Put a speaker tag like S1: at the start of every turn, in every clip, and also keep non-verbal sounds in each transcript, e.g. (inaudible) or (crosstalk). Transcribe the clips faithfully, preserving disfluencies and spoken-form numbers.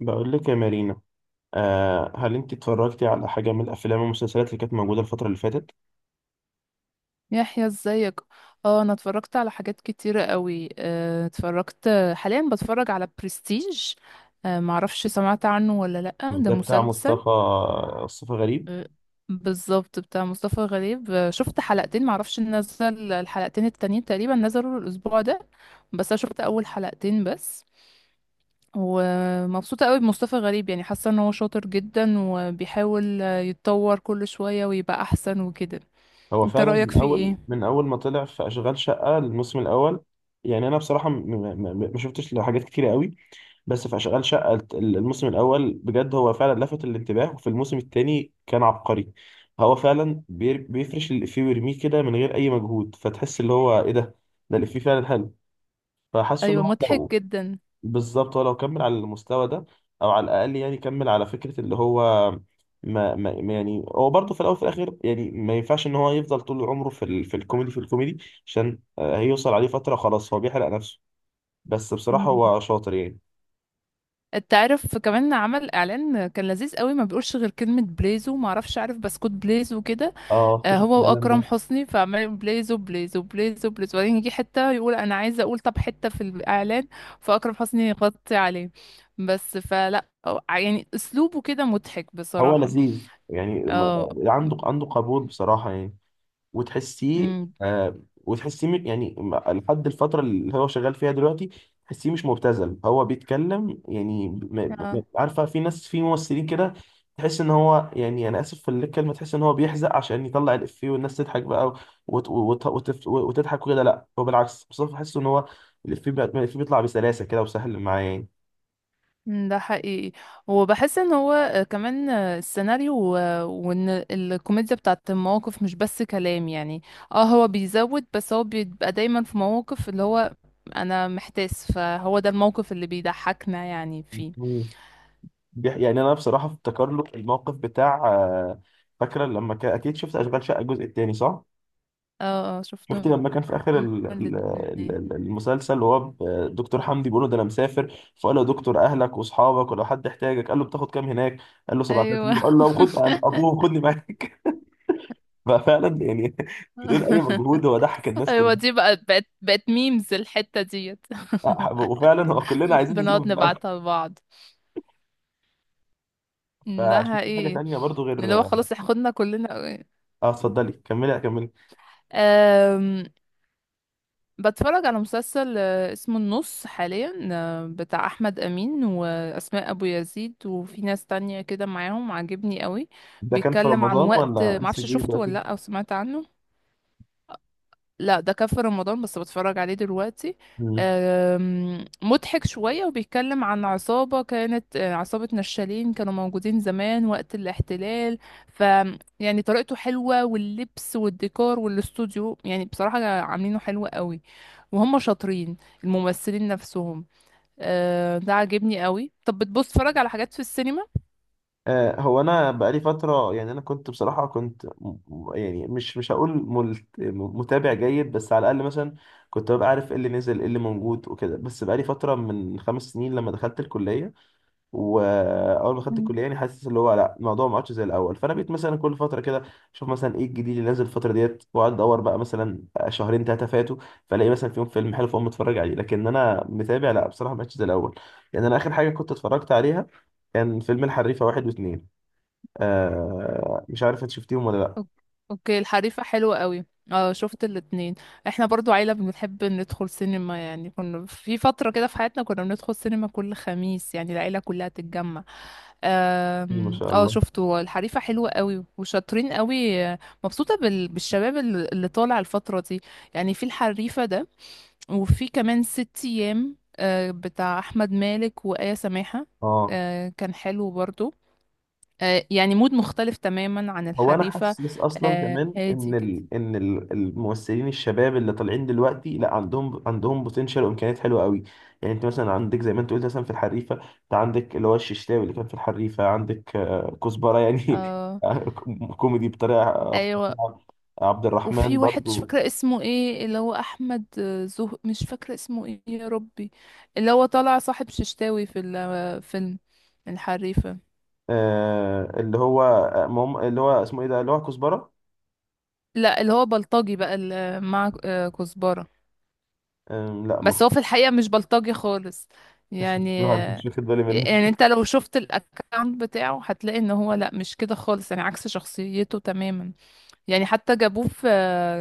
S1: بقول لك يا مارينا. آه هل انت اتفرجتي على حاجه من الافلام والمسلسلات اللي كانت موجوده الفتره اللي فاتت؟
S2: يحيى ازيك. اه انا اتفرجت على حاجات كتيرة قوي، آه، اتفرجت حاليا بتفرج على برستيج. آه، معرفش سمعت عنه ولا لأ، ده
S1: ده بتاع
S2: مسلسل.
S1: مصطفى، مصطفى غريب.
S2: مم. بالظبط بتاع مصطفى غريب، آه، شفت حلقتين، معرفش نزل الحلقتين التانيين، تقريبا نزلوا الأسبوع ده. بس انا شفت أول حلقتين بس. ومبسوطة قوي بمصطفى غريب، يعني حاسة ان هو شاطر جدا وبيحاول آه، يتطور كل شوية ويبقى أحسن وكده.
S1: هو
S2: انت
S1: فعلا
S2: رأيك
S1: من
S2: فيه
S1: اول
S2: ايه؟
S1: من اول ما طلع في اشغال شقه الموسم الاول. يعني انا بصراحه م- م- م- ما شفتش له حاجات كتيره قوي، بس في اشغال شقه الت- الموسم الاول بجد هو فعلا لفت الانتباه، وفي الموسم الثاني كان عبقري. هو فعلا بير- بيفرش الافيه ويرميه كده من غير اي مجهود، فتحس اللي هو ايه ده، ده الافيه فعلا حلو. فحاسه ان
S2: ايوه،
S1: هو
S2: مضحك
S1: لو،
S2: جدا.
S1: بالظبط هو لو كمل على المستوى ده، او على الاقل يعني كمل على فكره اللي هو ما, ما ما يعني هو برضه في الاول وفي الاخر يعني ما ينفعش ان هو يفضل طول عمره في ال... في الكوميدي في الكوميدي عشان آه، هيوصل عليه فتره خلاص هو بيحرق نفسه. بس بصراحه هو شاطر يعني.
S2: تعرف كمان عمل اعلان كان لذيذ قوي، ما بيقولش غير كلمه بليزو، ما اعرفش عارف بسكوت بليزو كده.
S1: اه،
S2: آه،
S1: اكتشف
S2: هو
S1: الكلام
S2: واكرم
S1: ده.
S2: حسني، فعمال يقول بليزو بليزو بليزو بليزو، وبعدين يجي حته يقول انا عايزه اقول، طب حته في الاعلان، فاكرم حسني يغطي عليه. بس فلا أو- يعني اسلوبه كده مضحك
S1: هو
S2: بصراحه.
S1: لذيذ يعني ما-
S2: اه.
S1: عنده عنده قبول بصراحه يعني، وتحسيه
S2: أمم.
S1: آه، وتحسيه م- يعني م- لحد الفترة اللي هو شغال فيها دلوقتي تحسيه مش مبتذل. هو بيتكلم يعني م- م- م-
S2: آه.
S1: عارفة في ناس في ممثلين كده تحس ان هو يعني، انا اسف في الكلمة، تحس ان هو بيحزق عشان يطلع الافيه والناس تضحك بقى، وت وت وت وتضحك وكده. لا هو بالعكس مصطفى، بحس ان هو الافيه بقى- الافيه بيطلع بسلاسة كده وسهل معاه يعني.
S2: مم، ده حقيقي. وبحس ان هو آه، كمان، آه، السيناريو، آه، وان الكوميديا بتاعت المواقف مش بس كلام يعني. اه هو بيزود، بس هو بيبقى دايما في مواقف اللي هو انا محتاس، فهو ده الموقف اللي بيضحكنا يعني فيه.
S1: مم. بيح- يعني انا بصراحة افتكر له الموقف بتاع آه، فاكرة لما كان، اكيد شفت اشغال شقة الجزء التاني صح؟
S2: اه اه،
S1: شفتي
S2: شفتهم
S1: لما كان في اخر ال- ال- ال-
S2: الاتنين.
S1: ال- المسلسل وهو ب- دكتور حمدي بيقول له ده انا مسافر، فقال له يا دكتور اهلك واصحابك ولو حد احتاجك، قال له بتاخد كام هناك؟ قال له سبعة آلاف
S2: ايوه.
S1: يورو، قال له خد عن ابوه خدني معاك. (laughs) ففعلا يعني بدون اي مجهود
S2: (laughs)
S1: هو ضحك الناس
S2: ايوه،
S1: كلها.
S2: دي بقى بقت بقت ميمز الحتة ديت. (laughs)
S1: وفعلا هو كلنا عايزين
S2: بنقعد
S1: نسافر فعلا.
S2: نبعتها لبعض.
S1: (laughs)
S2: مم، ده
S1: فشفت حاجه
S2: حقيقي.
S1: تانية برضو غير
S2: اللي هو
S1: اه،
S2: خلاص احنا خدنا كلنا.
S1: اتفضلي كملي كملي.
S2: أم، بتفرج على مسلسل آه، اسمه النص حاليا، آه، بتاع احمد امين واسماء ابو يزيد، وفي ناس تانية كده معاهم، عاجبني قوي.
S1: ده كان في
S2: بيتكلم عن
S1: رمضان
S2: وقت،
S1: ولا لسه
S2: معرفش
S1: جديد
S2: شفته ولا
S1: دلوقتي؟
S2: لا او سمعت عنه. لا ده كان في رمضان، بس بتفرج عليه دلوقتي. آم، مضحك شوية، وبيتكلم عن عصابة كانت آه، عصابة نشالين كانوا موجودين زمان وقت الاحتلال. ف يعني طريقته حلوة، واللبس والديكور والاستوديو يعني بصراحة عاملينه حلو قوي. وهم شاطرين الممثلين نفسهم. آه، ده عاجبني قوي. طب بتبص تتفرج على حاجات في السينما؟
S1: آه، هو انا بقالي فتره، يعني انا كنت بصراحه كنت م- م- يعني مش مش هقول ملت- م- متابع جيد، بس على الاقل مثلا كنت ببقى عارف ايه اللي نزل ايه اللي موجود وكده. بس بقالي فتره من خمس سنين لما دخلت الكليه، واول ما دخلت الكليه يعني حاسس اللي هو لا الموضوع ما عادش زي الاول. فانا بقيت مثلا كل فتره كده اشوف مثلا ايه الجديد اللي نازل الفتره ديت، واقعد ادور بقى مثلا شهرين ثلاثه فاتوا، فالاقي مثلا فيهم فيلم حلو فاقوم اتفرج عليه. لكن انا متابع لا بصراحه ما عادش زي الاول. يعني انا اخر حاجه كنت اتفرجت عليها كان فيلم الحريفة واحد واتنين. آه، مش عارف انت شفتيهم ولا لا.
S2: أوك- اوكي، الحريفة حلوة قوي. اه شفت الاتنين. احنا برضو عيلة بنحب ندخل سينما، يعني كنا في فترة كده في حياتنا كنا بندخل سينما كل خميس، يعني العيلة كلها تتجمع.
S1: كتير ما
S2: آم،
S1: شاء
S2: اه
S1: الله.
S2: شفته، الحريفة حلوة قوي وشاطرين قوي، آه، مبسوطة بال- بالشباب اللي اللي طالع الفترة دي. يعني في الحريفة ده، وفي كمان ست ايام آه، بتاع احمد مالك وآية سماحة.
S1: اه،
S2: آه، كان حلو برضو. آه، يعني مود مختلف تماما عن
S1: هو انا
S2: الحريفة.
S1: حاسس اصلا
S2: آه،
S1: كمان ان
S2: هادي كده.
S1: ال... ان ال- الممثلين الشباب اللي طالعين دلوقتي لا عندهم عندهم بوتنشال وامكانيات حلوه قوي. يعني انت مثلا عندك زي ما انت قلت مثلا في الحريفه، انت عندك اللي هو الششتاوي اللي كان في الحريفه، عندك آه كزبره يعني
S2: اه.
S1: (laughs) كوميدي بطريقه
S2: ايوه.
S1: فظيعه. عبد الرحمن
S2: وفي واحد مش
S1: برضو.
S2: فاكرة اسمه ايه، اللي هو احمد، آه، زه مش فاكرة اسمه ايه يا ربي. اللي هو طالع صاحب ششتاوي في الفيلم، الحريفة.
S1: آه اللي هو آه، مم... اللي هو اسمه ايه ده اللي هو كزبره.
S2: لا اللي هو بلطجي بقى، اللي مع آه، كزبرة.
S1: آه لا
S2: بس
S1: ما
S2: هو في الحقيقة مش بلطجي خالص
S1: (laughs)
S2: يعني.
S1: ما
S2: آه،
S1: كنتش واخد بالي منه.
S2: يعني انت لو شفت الاكونت بتاعه هتلاقي ان هو لا مش كده خالص يعني، عكس شخصيته تماما. يعني حتى جابوه في،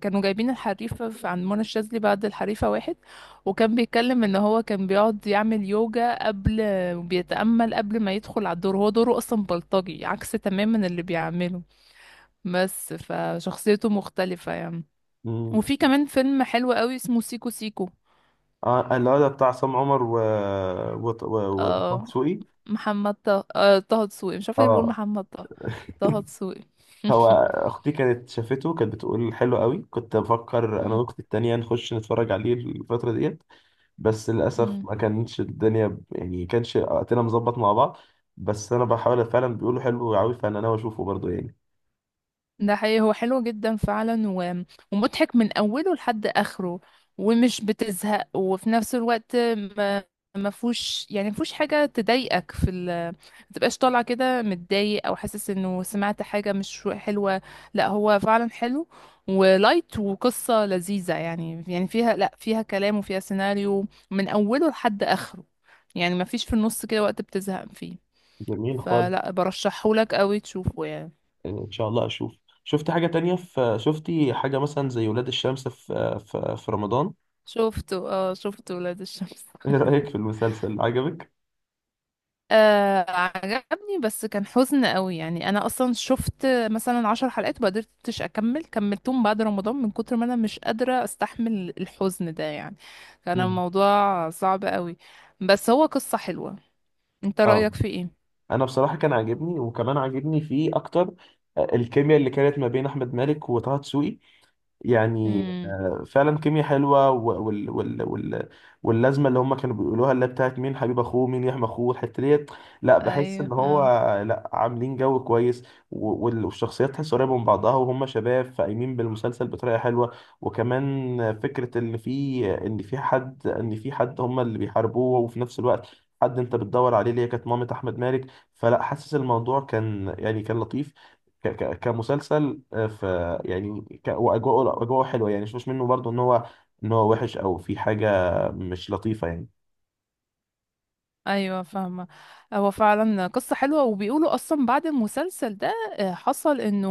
S2: كانوا جايبين الحريفة في- عند منى الشاذلي بعد الحريفة واحد. وكان بيتكلم ان هو كان بيقعد يعمل يوجا قبل، وبيتأمل قبل ما يدخل على الدور، هو دوره اصلا بلطجي عكس تماما اللي بيعمله. بس فشخصيته مختلفة يعني. وفي
S1: (laughs)
S2: كمان فيلم حلو قوي اسمه سيكو سيكو.
S1: اه اللي هو ده بتاع عصام عمر و و و- وطه
S2: آه،
S1: دسوقي.
S2: محمد طه، آه طه دسوقي، مش عارفة ليه بقول
S1: اه
S2: محمد طه. طه دسوقي.
S1: هو اختي كانت شافته كانت بتقول حلو قوي، كنت بفكر انا واختي التانية نخش نتفرج عليه الفترة ديت، بس للاسف ما
S2: (laughs)
S1: كانتش الدنيا ب- يعني كانش وقتنا مظبط مع بعض. بس انا بحاول فعلا بيقولوا حلو قوي فانا ناوي اشوفه برضه يعني.
S2: ده حقيقي، هو حلو جدا فعلا. و... ومضحك من أوله لحد آخره. ومش بتزهق، وفي نفس الوقت ما ما فيهوش يعني ما فيهوش حاجة تضايقك في ال، ما تبقاش طالعة كده متضايق أو حاسس إنه سمعت حاجة مش حلوة. لا هو فعلا حلو. ولايت وقصة لذيذة، يعني يعني فيها لا فيها كلام وفيها سيناريو من أوله لحد آخره. يعني ما فيش في النص كده وقت بتزهق فيه.
S1: جميل خالص.
S2: فلا برشحهولك قوي تشوفه يعني.
S1: ان شاء الله اشوف. شفت حاجة تانية؟ في شفتي حاجة مثلا زي ولاد الشمس في في, في رمضان؟
S2: شفته، اه شفته ولاد الشمس.
S1: (laughs) ايه رأيك في المسلسل، عجبك؟
S2: آه عجبني، بس كان حزن قوي. يعني انا اصلا شفت مثلا عشر حلقات وما قدرتش اكمل، كملتهم بعد رمضان من كتر ما انا مش قادرة استحمل الحزن ده يعني. كان
S1: مم.
S2: الموضوع صعب قوي. بس هو قصة حلوة. انت
S1: اه،
S2: رأيك في ايه؟
S1: انا بصراحه كان عاجبني، وكمان عاجبني فيه اكتر آه، الكيمياء اللي كانت ما بين احمد مالك وطه دسوقي. يعني
S2: امم.
S1: آه، فعلا كيميا حلوه و- وال وال وال واللازمه اللي هم كانوا بيقولوها اللي هي بتاعت مين حبيب اخوه مين يحمي اخوه الحته ديت. لا بحس
S2: ايوه.
S1: ان هو
S2: اه.
S1: لا عاملين جو كويس، و- وال- والشخصيات تحس قريبه من بعضها وهم شباب فايمين بالمسلسل بطريقه حلوه. وكمان فكره ان في ان في حد ان في حد هم اللي بيحاربوه، وفي نفس الوقت حد انت بتدور عليه اللي هي كانت مامة احمد مالك. فلا حاسس الموضوع كان يعني كان لطيف ك ك كمسلسل آه، ف يعني ك واجواءه، اجواءه حلوه يعني، مش منه برضو ان هو ان هو وحش او في حاجه مش لطيفه يعني.
S2: ايوه فاهمه. هو فعلا قصه حلوه، وبيقولوا اصلا بعد المسلسل ده آه، حصل انه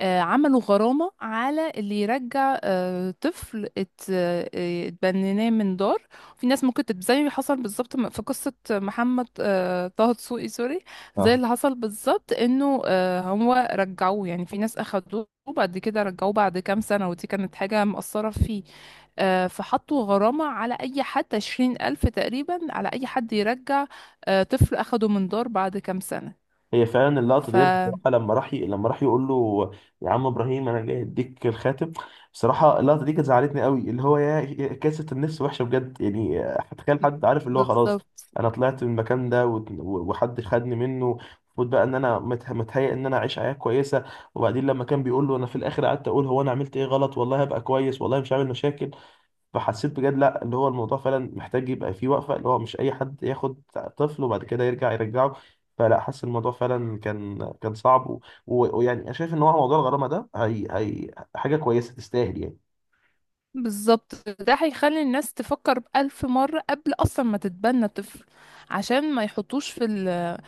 S2: آه، عملوا غرامه على اللي يرجع آه، طفل ات- آه، اتبنيناه من دار. في ناس ممكن تت- زي ما حصل بالظبط في قصه محمد، آه، طه دسوقي، سوري. زي
S1: اه،
S2: اللي حصل بالظبط انه آه، هو رجعوه، يعني في ناس اخدوه وبعد كده رجعوه بعد كام سنه، ودي كانت حاجه مأثره فيه. آه، فحطوا غرامة على أي حد، عشرين ألف تقريبا على أي حد يرجع آه، طفل أخده من دار بعد كام سنة.
S1: هي فعلا اللقطه
S2: ف
S1: ديت بصراحه، لما راح ي... لما راح يقول له يا عم ابراهيم انا جاي اديك الخاتم، بصراحه اللقطه دي كانت زعلتني قوي. اللي هو يا يا كاسه النفس وحشه بجد يعني، هتخيل حد عارف اللي هو خلاص
S2: بالظبط.
S1: انا طلعت من المكان ده وت- و- وحد خدني منه، المفروض بقى ان انا مت- متهيأ ان انا اعيش حياه كويسه، وبعدين لما كان بيقول له انا في الاخر قعدت اقول هو انا عملت ايه غلط، والله هبقى كويس والله مش عامل مشاكل. فحسيت بجد لا اللي هو الموضوع فعلا محتاج يبقى فيه وقفة، اللي هو مش أي حد ياخد طفل وبعد كده يرجع يرجعه. فلا حاسس الموضوع فعلا كان كان صعب، و- و- ويعني أنا شايف إن هو موضوع الغرامة ده هي هي حاجة كويسة تستاهل يعني.
S2: بالظبط، ده هيخلي الناس تفكر بألف مرة قبل أصلا ما تتبنى طفل. عشان ما يحطوش في ال،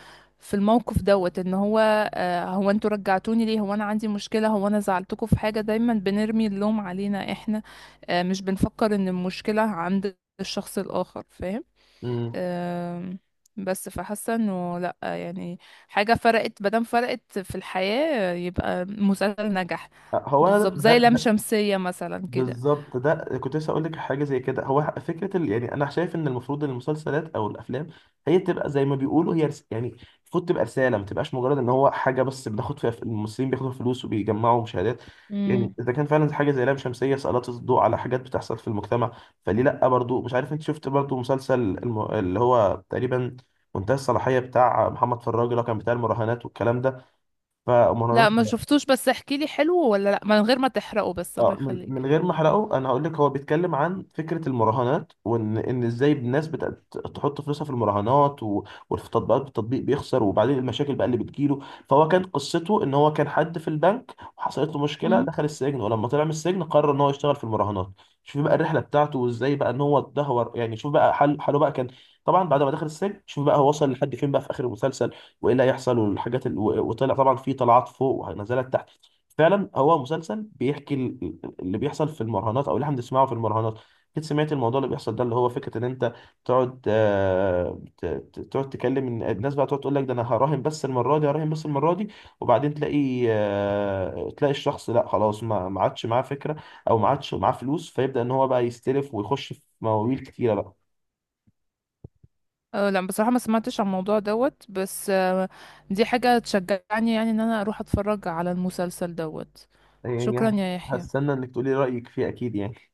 S2: في الموقف دوت، ان هو آه، هو انتوا رجعتوني ليه، هو انا عندي مشكلة، هو انا زعلتكم في حاجة، دايما بنرمي اللوم علينا احنا. آه، مش بنفكر ان المشكلة عند الشخص الآخر، فاهم؟
S1: امم،
S2: أم، بس فحاسه انه لا يعني، حاجه فرقت، مادام فرقت في الحياه يبقى مسلسل نجح.
S1: هو أنا
S2: بالظبط زي لام
S1: ده،
S2: شمسيه مثلا كده.
S1: بالظبط ده كنت لسه اقول لك حاجه زي كده. هو ح- فكره ال... يعني انا شايف ان المفروض إن المسلسلات او الافلام هي تبقى زي ما بيقولوا هي رس... يعني المفروض تبقى رساله، ما تبقاش مجرد ان هو حاجه بس بناخد فيها ف- الممثلين بياخدوا فلوس وبيجمعوا مشاهدات. يعني
S2: امم.
S1: اذا كان فعلا حاجه زي لام شمسيه سلطت الضوء على حاجات بتحصل في المجتمع، فليه لا؟ برضو مش عارف انت شفت برضو مسلسل الم... اللي هو تقريبا منتهى الصلاحيه بتاع محمد فراج، اللي هو كان بتاع المراهنات والكلام ده، فمراهنات.
S2: لا ما شفتوش، بس احكي لي حلو ولا لا من غير ما تحرقه بس، الله
S1: اه، من
S2: يخليك.
S1: من غير ما احرقه انا هقول لك هو بيتكلم عن فكره المراهنات، وان ان ازاي الناس بتحط فلوسها في المراهنات، و- وفي تطبيقات، التطبيق بيخسر وبعدين المشاكل بقى اللي بتجيله. فهو كان قصته ان هو كان حد في البنك وحصلت له مشكله
S2: امم.
S1: دخل السجن، ولما طلع من السجن قرر ان هو يشتغل في المراهنات. شوف بقى الرحله بتاعته وازاي بقى ان هو اتدهور، يعني شوف بقى حل حاله بقى كان، طبعا بعد ما دخل السجن شوف بقى هو وصل لحد فين بقى في اخر المسلسل وايه اللي هيحصل والحاجات ال... و- وطلع طبعا في طلعات فوق ونزلات. فعلا هو مسلسل بيحكي ال- اللي بيحصل في المراهنات او اللي احنا بنسمعه في المراهنات. اكيد سمعت الموضوع اللي بيحصل ده، اللي هو فكره ان انت تقعد آه، ت- ت- تقعد تكلم إن- الناس بقى تقعد تقول لك ده انا هراهن بس المره دي، هراهن بس المره دي، وبعدين تلاقي آه، تلاقي الشخص لا خلاص ما ما عادش معاه فكره او ما عادش معاه فلوس، فيبدا ان هو بقى يستلف ويخش في مواويل كتيره بقى.
S2: أه لا بصراحه ما سمعتش عن الموضوع دوت، بس آه، دي حاجه تشجعني يعني ان انا اروح اتفرج على المسلسل دوت. شكرا
S1: يعني
S2: يا يحيى.
S1: هستنى انك تقولي رايك فيه اكيد يعني.